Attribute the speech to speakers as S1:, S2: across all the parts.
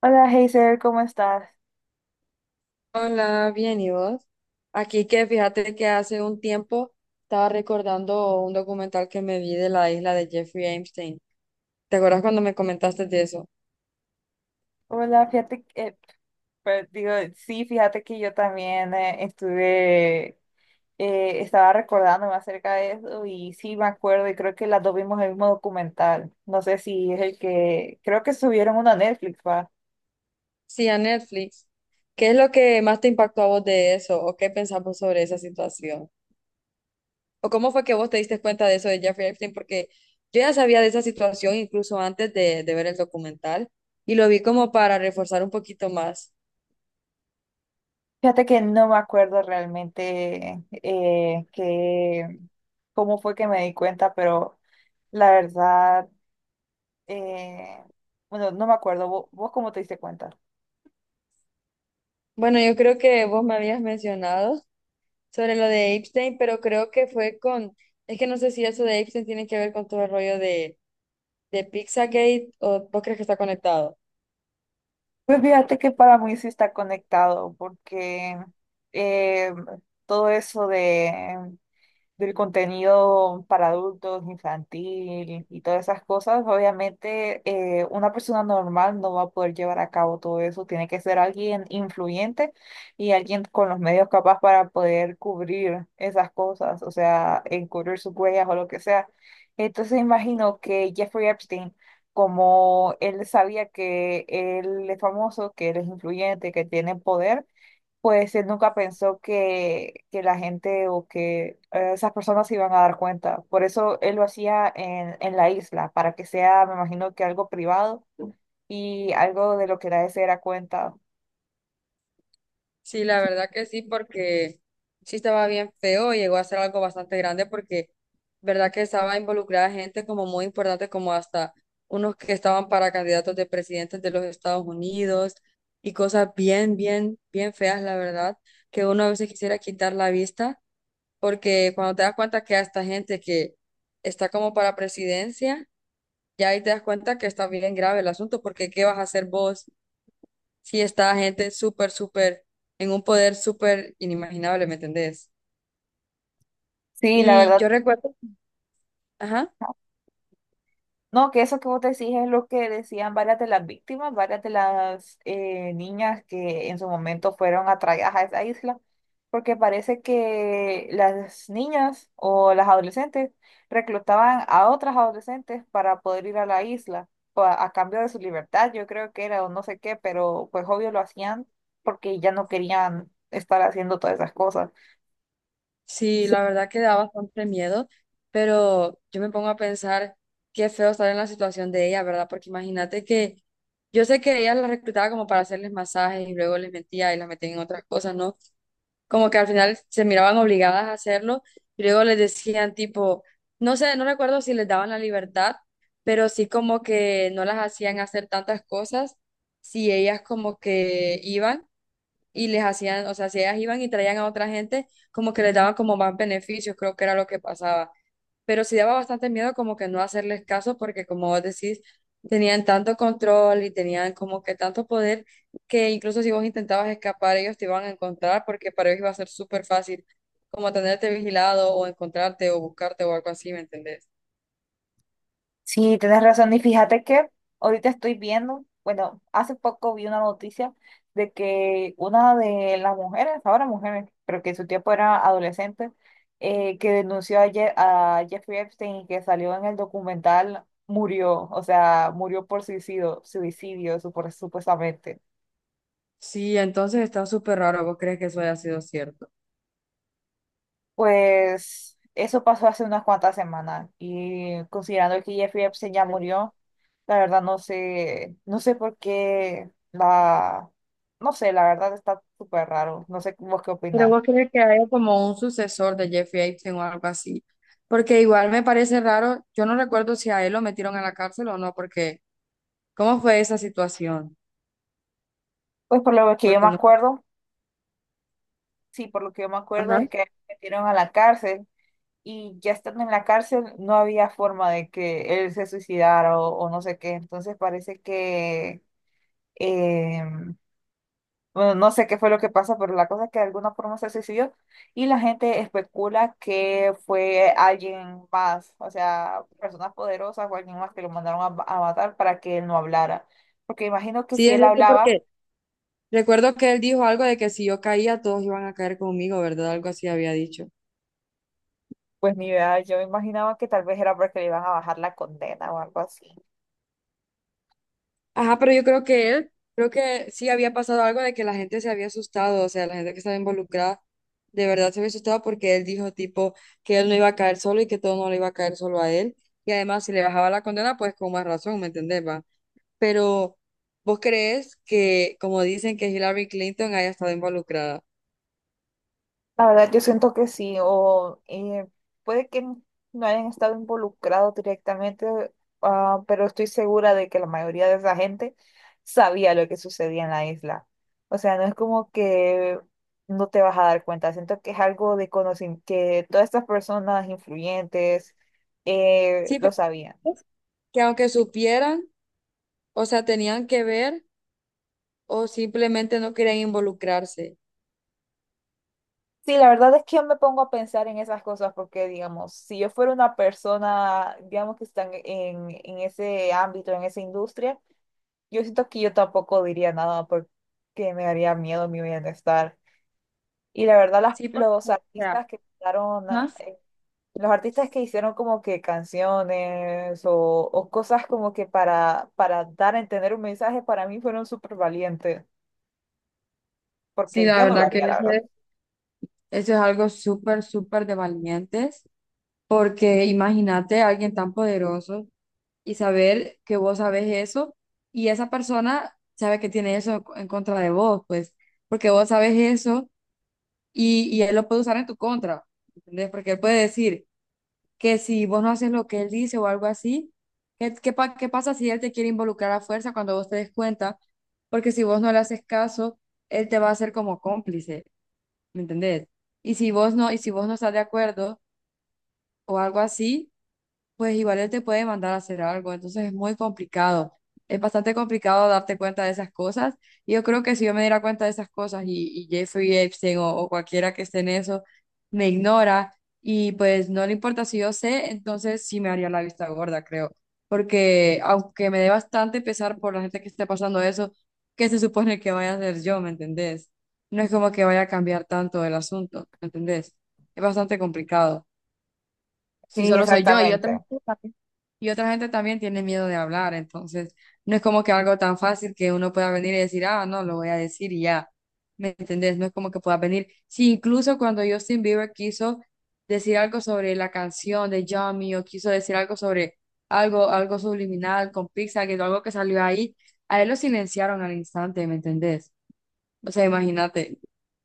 S1: Hola, Hazel, ¿cómo estás?
S2: Hola, bien, ¿y vos? Aquí que fíjate que hace un tiempo estaba recordando un documental que me vi de la isla de Jeffrey Epstein. ¿Te acuerdas cuando me comentaste de eso?
S1: Hola, fíjate que, pues, digo, sí, fíjate que yo también estuve, estaba recordándome acerca de eso y sí me acuerdo y creo que las dos vimos el mismo documental. No sé si es el que, creo que subieron uno a Netflix, ¿va?
S2: Sí, a Netflix. ¿Qué es lo que más te impactó a vos de eso? ¿O qué pensamos sobre esa situación? ¿O cómo fue que vos te diste cuenta de eso de Jeffrey Epstein? Porque yo ya sabía de esa situación incluso antes de ver el documental y lo vi como para reforzar un poquito más.
S1: Fíjate que no me acuerdo realmente que, cómo fue que me di cuenta, pero la verdad, eh, bueno, no me acuerdo. ¿Vos cómo te diste cuenta?
S2: Bueno, yo creo que vos me habías mencionado sobre lo de Epstein, pero creo que fue con, es que no sé si eso de Epstein tiene que ver con todo el rollo de Pizzagate, o vos crees que está conectado.
S1: Pues fíjate que para mí sí está conectado, porque eh, todo eso de del contenido para adultos, infantil y todas esas cosas, obviamente una persona normal no va a poder llevar a cabo todo eso. Tiene que ser alguien influyente y alguien con los medios capaz para poder cubrir esas cosas, o sea, encubrir sus huellas o lo que sea. Entonces imagino que Jeffrey Epstein, como él sabía que él es famoso, que él es influyente, que tiene poder, pues él nunca pensó que la gente o que esas personas se iban a dar cuenta. Por eso él lo hacía en la isla, para que sea, me imagino que algo privado y algo de lo que nadie se diera cuenta.
S2: Sí, la verdad que sí, porque sí estaba bien feo, llegó a ser algo bastante grande porque verdad que estaba involucrada gente como muy importante, como hasta unos que estaban para candidatos de presidentes de los Estados Unidos y cosas bien, bien, bien feas, la verdad, que uno a veces quisiera quitar la vista porque cuando te das cuenta que a esta gente que está como para presidencia, ya ahí te das cuenta que está bien grave el asunto, porque ¿qué vas a hacer vos si está gente súper, súper, en un poder súper inimaginable, ¿me entendés?
S1: Sí, la
S2: Y
S1: verdad.
S2: yo recuerdo, ajá,
S1: No, que eso que vos decís es lo que decían varias de las víctimas, varias de las niñas que en su momento fueron atraídas a esa isla, porque parece que las niñas o las adolescentes reclutaban a otras adolescentes para poder ir a la isla, a cambio de su libertad, yo creo que era o no sé qué, pero pues obvio lo hacían porque ya no querían estar haciendo todas esas cosas.
S2: sí, la verdad que da bastante miedo, pero yo me pongo a pensar qué feo estar en la situación de ella, ¿verdad? Porque imagínate que... Yo sé que ella la reclutaba como para hacerles masajes y luego les mentía y las metía en otras cosas, ¿no? Como que al final se miraban obligadas a hacerlo, y luego les decían tipo, no sé, no recuerdo si les daban la libertad, pero sí como que no las hacían hacer tantas cosas si ellas como que iban y les hacían, o sea, si ellas iban y traían a otra gente, como que les daban como más beneficios, creo que era lo que pasaba. Pero sí daba bastante miedo como que no hacerles caso porque como vos decís, tenían tanto control y tenían como que tanto poder que incluso si vos intentabas escapar, ellos te iban a encontrar porque para ellos iba a ser súper fácil como tenerte vigilado o encontrarte o buscarte o algo así, ¿me entendés?
S1: Sí, tienes razón. Y fíjate que ahorita estoy viendo, bueno, hace poco vi una noticia de que una de las mujeres, ahora mujeres, pero que en su tiempo era adolescente, que denunció a, a Jeffrey Epstein y que salió en el documental, murió, o sea, murió por suicidio, supuestamente.
S2: Sí, entonces está súper raro. ¿Vos crees que eso haya sido cierto?
S1: Pues eso pasó hace unas cuantas semanas y considerando que Jeffrey Epstein ya
S2: Sí.
S1: murió, la verdad no sé, no sé por qué la, no sé, la verdad está súper raro, no sé vos qué
S2: Pero
S1: opinás.
S2: vos crees que haya como un sucesor de Jeffrey Epstein o algo así. Porque igual me parece raro, yo no recuerdo si a él lo metieron a la cárcel o no, porque ¿cómo fue esa situación?
S1: Pues por lo que yo me
S2: Porque no.
S1: acuerdo, sí, por lo que yo me acuerdo
S2: Ajá.
S1: es que lo metieron a la cárcel y ya estando en la cárcel no había forma de que él se suicidara o no sé qué, entonces parece que em, bueno, no sé qué fue lo que pasó, pero la cosa es que de alguna forma se suicidó y la gente especula que fue alguien más, o sea, personas poderosas o alguien más que lo mandaron a, a matar para que él no hablara. Porque imagino que
S2: Sí,
S1: si
S2: es
S1: él
S2: cierto,
S1: hablaba,
S2: porque recuerdo que él dijo algo de que si yo caía, todos iban a caer conmigo, ¿verdad? Algo así había dicho.
S1: pues mi idea, yo imaginaba que tal vez era porque le iban a bajar la condena o algo así.
S2: Ajá, pero yo creo que él, creo que sí había pasado algo de que la gente se había asustado, o sea, la gente que estaba involucrada de verdad se había asustado porque él dijo tipo que él no iba a caer solo y que todo no le iba a caer solo a él. Y además, si le bajaba la condena, pues con más razón, ¿me entendés, va? Pero ¿vos crees que, como dicen, que Hillary Clinton haya estado involucrada?
S1: La verdad, yo siento que sí, o puede que n- no hayan estado involucrados directamente, ah, pero estoy segura de que la mayoría de esa gente sabía lo que sucedía en la isla. O sea, no es como que no te vas a dar cuenta, siento que es algo de conocimiento, que todas estas personas influyentes
S2: Sí,
S1: lo
S2: pero
S1: sabían.
S2: ¿crees que aunque supieran? O sea, ¿tenían que ver o simplemente no querían involucrarse?
S1: Sí, la verdad es que yo me pongo a pensar en esas cosas porque, digamos, si yo fuera una persona, digamos, que están en ese ámbito, en esa industria, yo siento que yo tampoco diría nada porque me daría miedo mi bienestar. Y la verdad,
S2: Sí, porque,
S1: los
S2: o sea,
S1: artistas que quitaron,
S2: ajá.
S1: eh, los artistas que hicieron como que canciones o cosas como que para dar a entender un mensaje, para mí fueron súper valientes,
S2: Sí,
S1: porque
S2: la
S1: yo no lo
S2: verdad que
S1: haría, la verdad.
S2: ese- eso es algo súper, súper de valientes, porque imagínate a alguien tan poderoso y saber que vos sabes eso y esa persona sabe que tiene eso en contra de vos, pues, porque vos sabes eso y él lo puede usar en tu contra, ¿entendés? Porque él puede decir que si vos no haces lo que él dice o algo así, ¿qué, qué, pa- qué pasa si él te quiere involucrar a fuerza cuando vos te des cuenta? Porque si vos no le haces caso, él te va a hacer como cómplice, ¿me entendés? Y si vos no estás de acuerdo o algo así, pues igual él te puede mandar a hacer algo, entonces es muy complicado, es bastante complicado darte cuenta de esas cosas, y yo creo que si yo me diera cuenta de esas cosas y Jeffrey Epstein o cualquiera que esté en eso me ignora y pues no le importa si yo sé, entonces sí me haría la vista gorda, creo, porque aunque me dé bastante pesar por la gente que esté pasando eso, ¿qué se supone que vaya a hacer yo, me entendés? No es como que vaya a cambiar tanto el asunto, ¿me entendés? Es bastante complicado si
S1: Sí,
S2: solo soy yo y otra
S1: exactamente.
S2: gente también, y otra gente también tiene miedo de hablar, entonces no es como que algo tan fácil que uno pueda venir y decir, ah, no, lo voy a decir y ya, ¿me entendés? No es como que pueda venir. Si incluso cuando Justin Bieber quiso decir algo sobre la canción de Yummy o quiso decir algo sobre algo, algo subliminal con Pixar, que algo que salió ahí, a él lo silenciaron al instante, ¿me entendés? O sea, imagínate.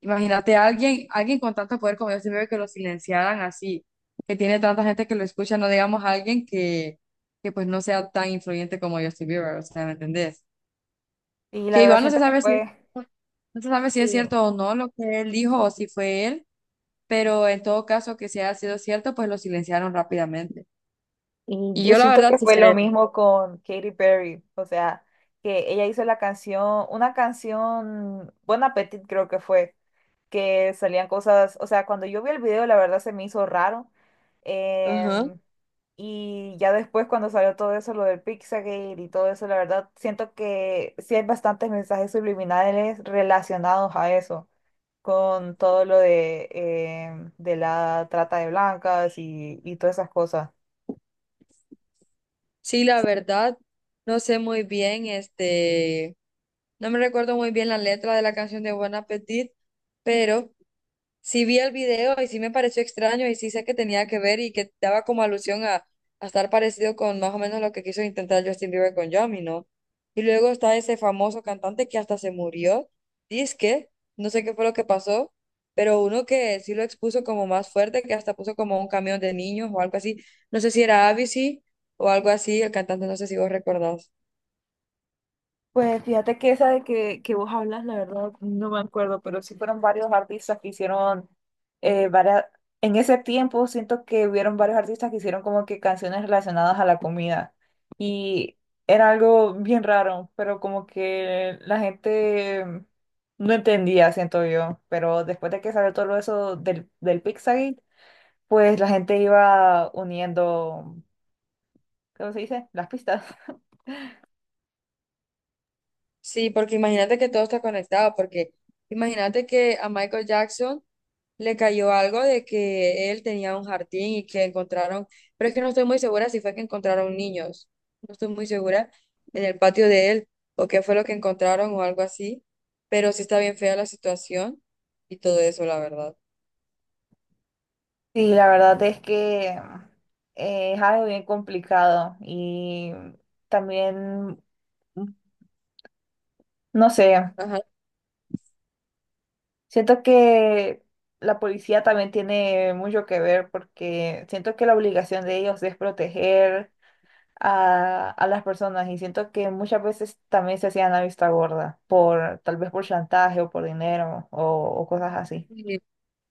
S2: Imagínate a alguien, alguien con tanto poder como Justin Bieber que lo silenciaran así, que tiene tanta gente que lo escucha, no digamos a alguien que pues no sea tan influyente como Justin Bieber, o sea, ¿me entendés?
S1: Y la
S2: Que
S1: verdad
S2: igual no se
S1: siento que
S2: sabe si es,
S1: fue,
S2: no se sabe si es
S1: sí,
S2: cierto o no lo que él dijo o si fue él, pero en todo caso que si haya sido cierto, pues lo silenciaron rápidamente.
S1: y
S2: Y
S1: yo
S2: yo la
S1: siento
S2: verdad
S1: que
S2: sí
S1: fue lo
S2: creo.
S1: mismo con Katy Perry, o sea, que ella hizo una canción, Bon Appetit creo que fue que salían cosas, o sea, cuando yo vi el video, la verdad se me hizo raro.
S2: Ajá.
S1: em, y ya después cuando salió todo eso, lo del Pixagate y todo eso, la verdad siento que sí hay bastantes mensajes subliminales relacionados a eso, con todo lo de, de la trata de blancas y todas esas cosas.
S2: Sí, la verdad, no sé muy bien, este, no me recuerdo muy bien la letra de la canción de Buen Appetit, pero sí vi el video y sí me pareció extraño y sí sé que tenía que ver y que daba como alusión a estar parecido con más o menos lo que quiso intentar Justin Bieber con Yami, ¿no? Y luego está ese famoso cantante que hasta se murió, que no sé qué fue lo que pasó, pero uno que sí lo expuso como más fuerte, que hasta puso como un camión de niños o algo así, no sé si era Avicii o algo así, el cantante, no sé si vos recordás.
S1: Pues fíjate que esa de que vos hablas, la verdad, no me acuerdo, pero sí fueron varios artistas que hicieron varias... En ese tiempo siento que hubieron varios artistas que hicieron como que canciones relacionadas a la comida y era algo bien raro, pero como que la gente no entendía, siento yo, pero después de que salió todo eso del Pizzagate, pues la gente iba uniendo, ¿cómo se dice? Las pistas.
S2: Sí, porque imagínate que todo está conectado, porque imagínate que a Michael Jackson le cayó algo de que él tenía un jardín y que encontraron, pero es que no estoy muy segura si fue que encontraron niños, no estoy muy segura en el patio de él o qué fue lo que encontraron o algo así, pero sí está bien fea la situación y todo eso, la verdad.
S1: Sí, la verdad es que es algo bien complicado y también, no sé,
S2: Ajá.
S1: siento que la policía también tiene mucho que ver porque siento que la obligación de ellos es proteger a las personas y siento que muchas veces también se hacían la vista gorda por tal vez por chantaje o por dinero o cosas así.
S2: Y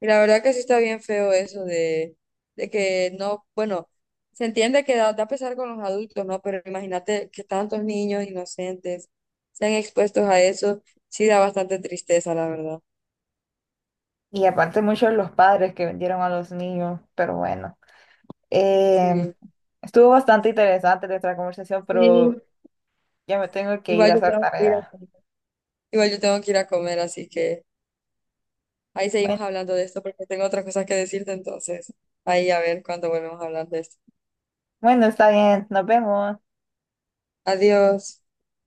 S2: y la verdad que sí está bien feo eso de que no, bueno, se entiende que da, da pesar con los adultos, ¿no? Pero imagínate que tantos niños inocentes sean expuestos a eso, sí da bastante tristeza, la verdad.
S1: Y aparte muchos de los padres que vendieron a los niños, pero bueno. Eh,
S2: Sí.
S1: Estuvo bastante interesante nuestra conversación,
S2: Sí,
S1: pero ya me tengo que ir
S2: igual
S1: a
S2: yo
S1: hacer
S2: tengo que ir a
S1: tarea.
S2: comer. Igual yo tengo que ir a comer, así que ahí
S1: Bueno,
S2: seguimos hablando de esto porque tengo otras cosas que decirte, entonces ahí a ver cuándo volvemos a hablar de esto.
S1: bueno, está bien, nos vemos.
S2: Adiós.